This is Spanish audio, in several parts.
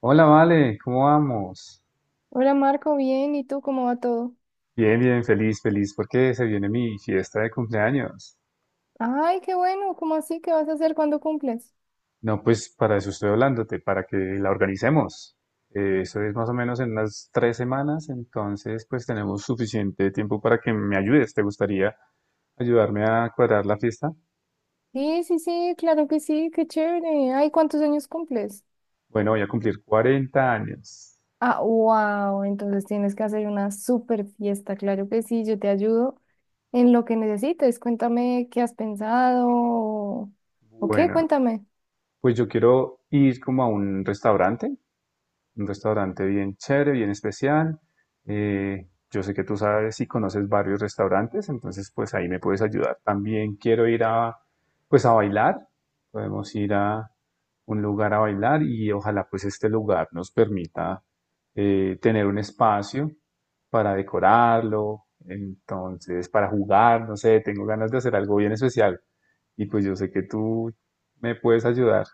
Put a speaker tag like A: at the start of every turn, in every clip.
A: Hola, Vale, ¿cómo vamos?
B: Hola Marco, bien, ¿y tú cómo va todo?
A: Bien, bien, feliz, feliz, porque se viene mi fiesta de cumpleaños.
B: Ay, qué bueno, ¿cómo así? ¿Qué vas a hacer cuando cumples?
A: No, pues para eso estoy hablándote, para que la organicemos. Eso es más o menos en unas tres semanas, entonces pues tenemos suficiente tiempo para que me ayudes. ¿Te gustaría ayudarme a cuadrar la fiesta?
B: Sí, sí, sí, claro que sí, qué chévere. Ay, ¿cuántos años cumples?
A: Bueno, voy a cumplir 40 años.
B: Ah, wow, entonces tienes que hacer una super fiesta, claro que sí, yo te ayudo en lo que necesites. Cuéntame qué has pensado o qué,
A: Bueno,
B: cuéntame.
A: pues yo quiero ir como a un restaurante bien chévere, bien especial. Yo sé que tú sabes y conoces varios restaurantes, entonces pues ahí me puedes ayudar. También quiero ir a, pues a bailar. Podemos ir a un lugar a bailar y ojalá pues este lugar nos permita tener un espacio para decorarlo, entonces para jugar, no sé, tengo ganas de hacer algo bien especial. Y pues yo sé que tú me puedes ayudar.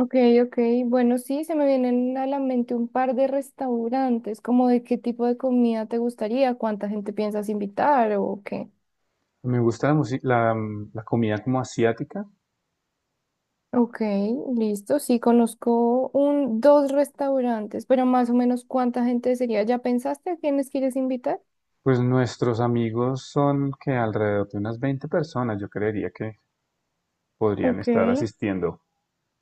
B: Ok, ok, bueno, sí, se me vienen a la mente un par de restaurantes, como de qué tipo de comida te gustaría, cuánta gente piensas invitar o qué.
A: Me gusta la comida como asiática.
B: Ok, listo. Sí, conozco un, dos restaurantes, pero más o menos cuánta gente sería. ¿Ya pensaste a quiénes quieres invitar?
A: Pues nuestros amigos son que alrededor de unas 20 personas, yo creería que podrían
B: Ok,
A: estar asistiendo.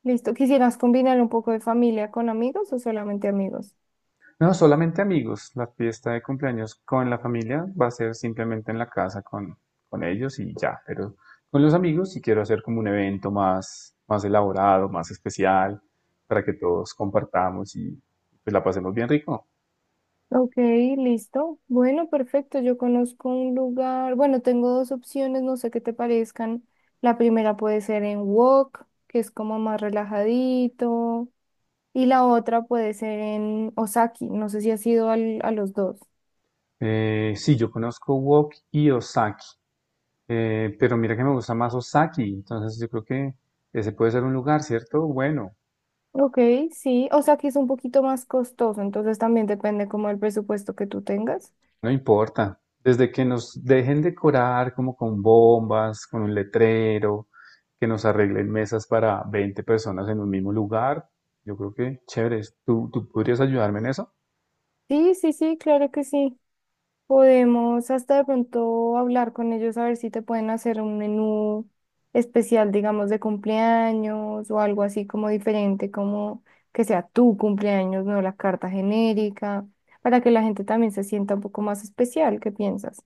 B: listo. ¿Quisieras combinar un poco de familia con amigos o solamente amigos?
A: No, solamente amigos. La fiesta de cumpleaños con la familia va a ser simplemente en la casa con ellos y ya, pero con los amigos sí quiero hacer como un evento más, más elaborado, más especial, para que todos compartamos y pues la pasemos bien rico.
B: Ok, listo. Bueno, perfecto. Yo conozco un lugar. Bueno, tengo dos opciones, no sé qué te parezcan. La primera puede ser en Wok, que es como más relajadito, y la otra puede ser en Osaki. No sé si has ido a los dos.
A: Sí, yo conozco Wok y Osaki. Pero mira que me gusta más Osaki, entonces yo creo que ese puede ser un lugar, ¿cierto? Bueno,
B: Ok, sí, o sea que es un poquito más costoso, entonces también depende como el presupuesto que tú tengas.
A: no importa. Desde que nos dejen decorar como con bombas, con un letrero, que nos arreglen mesas para 20 personas en un mismo lugar, yo creo que chévere. ¿Tú podrías ayudarme en eso?
B: Sí, sí, sí, claro que sí. Podemos hasta de pronto hablar con ellos a ver si te pueden hacer un menú especial, digamos, de cumpleaños o algo así como diferente, como que sea tu cumpleaños, no la carta genérica, para que la gente también se sienta un poco más especial. ¿Qué piensas?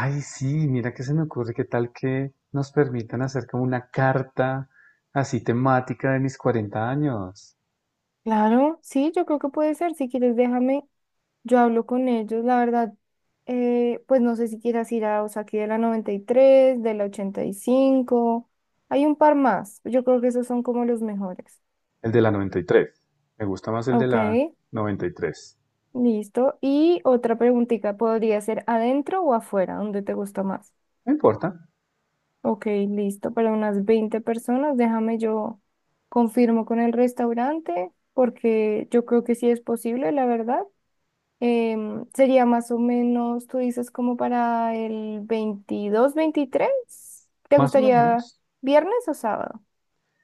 A: Ay, sí, mira que se me ocurre que tal que nos permitan hacer como una carta así temática de mis 40 años.
B: Claro, sí, yo creo que puede ser. Si quieres, déjame. Yo hablo con ellos, la verdad, pues no sé si quieras ir a Osaki de la 93, de la 85, hay un par más, yo creo que esos son como los mejores.
A: El de la 93. Me gusta más el de
B: Ok,
A: la 93.
B: listo. Y otra preguntita, ¿podría ser adentro o afuera? ¿Dónde te gusta más?
A: No importa,
B: Ok, listo, para unas 20 personas, déjame yo confirmo con el restaurante, porque yo creo que sí es posible, la verdad. Sería más o menos, tú dices, como para el 22, 23. ¿Te
A: más o
B: gustaría
A: menos.
B: viernes o sábado?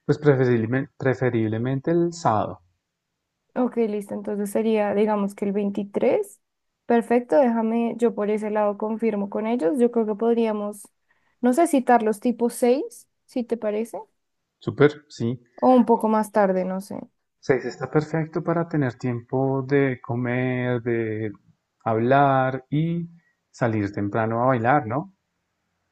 A: Pues preferiblemente, preferiblemente el sábado.
B: Ok, listo. Entonces sería, digamos que el 23. Perfecto, déjame, yo por ese lado confirmo con ellos. Yo creo que podríamos, no sé, citarlos tipo 6, si te parece,
A: Súper, sí.
B: o un poco más tarde, no sé.
A: Seis está perfecto para tener tiempo de comer, de hablar y salir temprano a bailar, ¿no?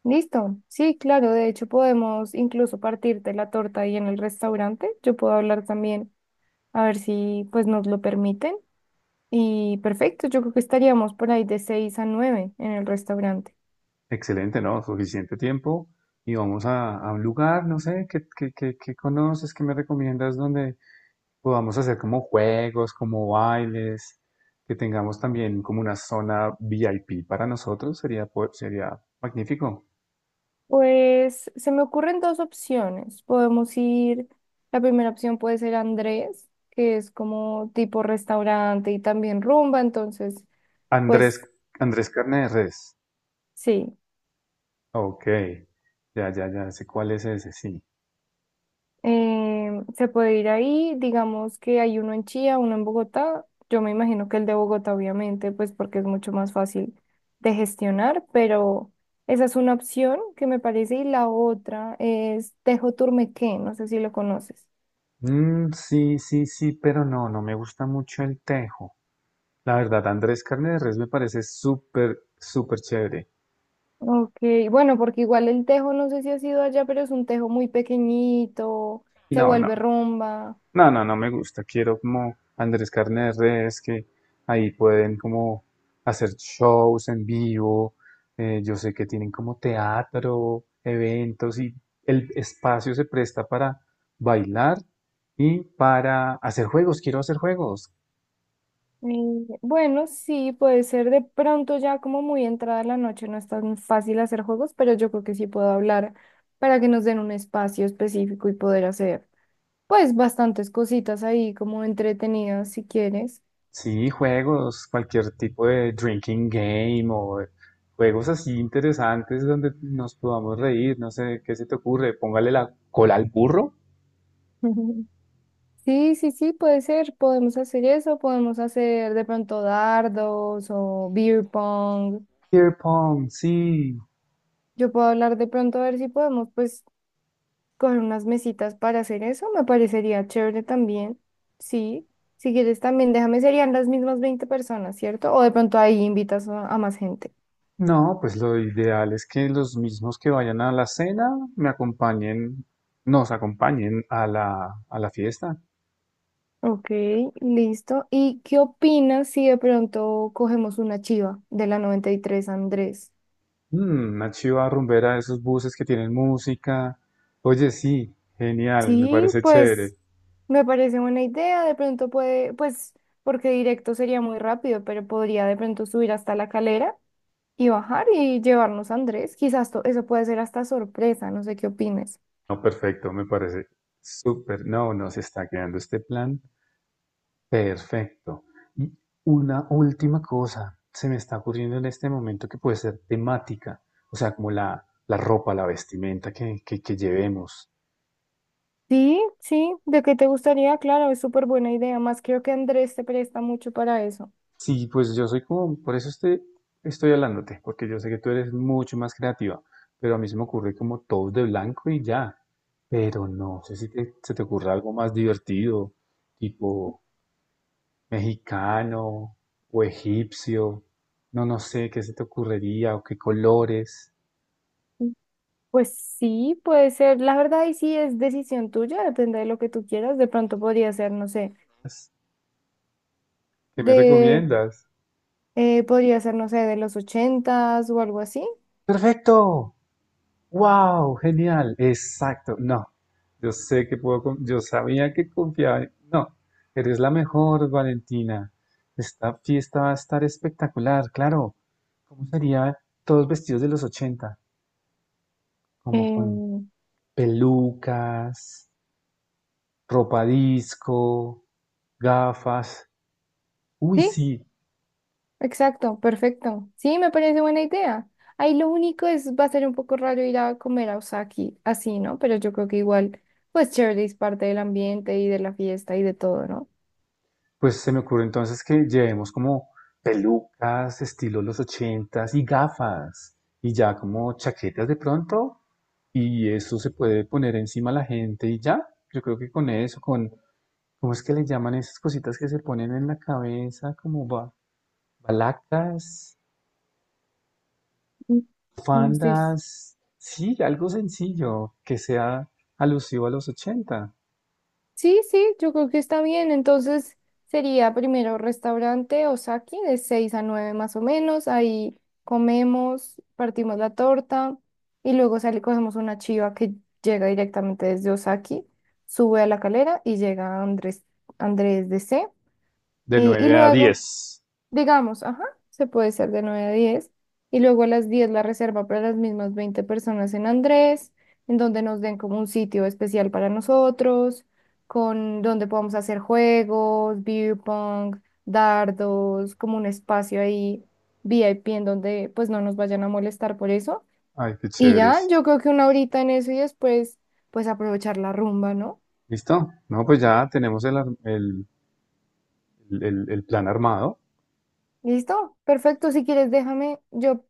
B: Listo. Sí, claro, de hecho podemos incluso partirte la torta ahí en el restaurante. Yo puedo hablar también, a ver si pues nos lo permiten. Y perfecto, yo creo que estaríamos por ahí de 6 a 9 en el restaurante.
A: Excelente, ¿no? Suficiente tiempo. Y vamos a un lugar, no sé, ¿qué conoces, qué me recomiendas donde podamos hacer como juegos, como bailes, que tengamos también como una zona VIP para nosotros? Sería, sería magnífico.
B: Pues se me ocurren dos opciones. Podemos ir, la primera opción puede ser Andrés, que es como tipo restaurante y también rumba, entonces,
A: Andrés,
B: pues
A: Andrés Carne de Res.
B: sí.
A: Ok. Ya sé cuál es ese, sí.
B: Se puede ir ahí, digamos que hay uno en Chía, uno en Bogotá. Yo me imagino que el de Bogotá, obviamente, pues porque es mucho más fácil de gestionar, pero esa es una opción que me parece. Y la otra es Tejo Turmequé, no sé si lo conoces.
A: Mm, sí, sí, sí, pero no, no me gusta mucho el tejo. La verdad, Andrés Carne de Res me parece súper, súper chévere.
B: Ok, bueno, porque igual el tejo, no sé si has ido allá, pero es un tejo muy pequeñito, se
A: No, no.
B: vuelve rumba.
A: No, no, no me gusta. Quiero como Andrés Carne de Res, que ahí pueden como hacer shows en vivo. Yo sé que tienen como teatro, eventos y el espacio se presta para bailar y para hacer juegos. Quiero hacer juegos.
B: Mm, bueno, sí, puede ser de pronto ya como muy entrada la noche, no es tan fácil hacer juegos, pero yo creo que sí puedo hablar para que nos den un espacio específico y poder hacer pues bastantes cositas ahí como entretenidas si quieres.
A: Sí, juegos, cualquier tipo de drinking game o de juegos así interesantes donde nos podamos reír. No sé, ¿qué se te ocurre? Póngale la cola al burro.
B: Sí, sí, sí, puede ser, podemos hacer eso, podemos hacer de pronto dardos o beer pong.
A: Beer pong, sí.
B: Yo puedo hablar de pronto a ver si podemos pues coger unas mesitas para hacer eso, me parecería chévere también. Sí, si quieres también, déjame, serían las mismas 20 personas, ¿cierto? O de pronto ahí invitas a más gente.
A: No, pues lo ideal es que los mismos que vayan a la cena me acompañen, nos acompañen a la fiesta.
B: Ok, listo. ¿Y qué opinas si de pronto cogemos una chiva de la 93 Andrés?
A: Mm, una chiva rumbera de esos buses que tienen música. Oye, sí, genial, me
B: Sí,
A: parece chévere.
B: pues me parece buena idea. De pronto puede, pues, porque directo sería muy rápido, pero podría de pronto subir hasta la calera y bajar y llevarnos a Andrés. Eso puede ser hasta sorpresa, no sé qué opines.
A: No, perfecto, me parece súper. No, nos está quedando este plan perfecto. Y una última cosa se me está ocurriendo en este momento que puede ser temática, o sea, como la ropa, la vestimenta que llevemos.
B: Sí, sí, ¿de qué te gustaría? Claro, es súper buena idea. Más creo que Andrés te presta mucho para eso.
A: Sí, pues yo soy como, por eso estoy, estoy hablándote, porque yo sé que tú eres mucho más creativa, pero a mí se me ocurre como todos de blanco y ya, pero no sé si se te ocurre algo más divertido, tipo mexicano o egipcio, no, no sé qué se te ocurriría o qué colores,
B: Pues sí, puede ser. La verdad, y sí es decisión tuya, depende de lo que tú quieras. De pronto podría ser, no sé,
A: ¿qué me
B: de,
A: recomiendas?
B: podría ser, no sé, de los ochentas o algo así.
A: Perfecto. Wow, genial, exacto. No, yo sé que puedo, yo sabía que confiaba. No, eres la mejor, Valentina. Esta fiesta va a estar espectacular, claro. ¿Cómo sería todos vestidos de los ochenta? Como con
B: Eh,
A: pelucas, ropa disco, gafas. Uy,
B: sí,
A: sí.
B: exacto, perfecto. Sí, me parece buena idea. Ahí lo único es, va a ser un poco raro ir a comer a Osaki así, ¿no? Pero yo creo que igual, pues chévere, es parte del ambiente y de la fiesta y de todo, ¿no?
A: Pues se me ocurre entonces que llevemos como pelucas, estilo los ochentas y gafas y ya como chaquetas de pronto y eso se puede poner encima a la gente y ya. Yo creo que con eso, con ¿cómo es que le llaman esas cositas que se ponen en la cabeza como balacas,
B: Mm, mm, sí, mm.
A: fandas? Sí, algo sencillo que sea alusivo a los ochenta.
B: Sí, sí, yo creo que está bien. Entonces sería primero restaurante Osaki de 6 a 9 más o menos. Ahí comemos, partimos la torta y luego sale, cogemos una chiva que llega directamente desde Osaki, sube a la calera y llega a Andrés, Andrés DC.
A: De
B: Y, y
A: 9 a
B: luego
A: 10.
B: digamos, ajá, se puede ser de 9 a 10 y luego a las 10 la reserva para las mismas 20 personas en Andrés, en donde nos den como un sitio especial para nosotros, con donde podamos hacer juegos, beer pong, dardos, como un espacio ahí VIP en donde pues no nos vayan a molestar por eso.
A: Ay, qué
B: Y ya,
A: chéveres.
B: yo creo que una horita en eso y después pues aprovechar la rumba, ¿no?
A: Listo. No, pues ya tenemos el, el plan armado.
B: Listo, perfecto, si quieres déjame, yo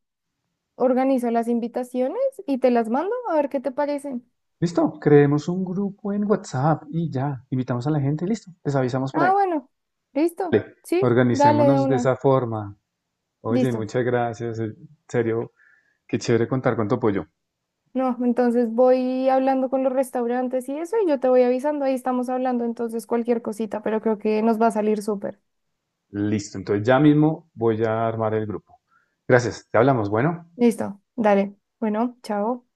B: organizo las invitaciones y te las mando a ver qué te parecen.
A: Listo, creemos un grupo en WhatsApp y ya, invitamos a la gente, listo, les avisamos para
B: Ah,
A: ahí.
B: bueno,
A: Vale,
B: listo. Sí, dale de
A: organicémonos de
B: una.
A: esa forma. Oye,
B: Listo.
A: muchas gracias, en serio, qué chévere contar con tu apoyo.
B: No, entonces voy hablando con los restaurantes y eso y yo te voy avisando. Ahí estamos hablando entonces cualquier cosita, pero creo que nos va a salir súper.
A: Listo, entonces ya mismo voy a armar el grupo. Gracias, te hablamos, bueno.
B: Listo, dale. Bueno, chao.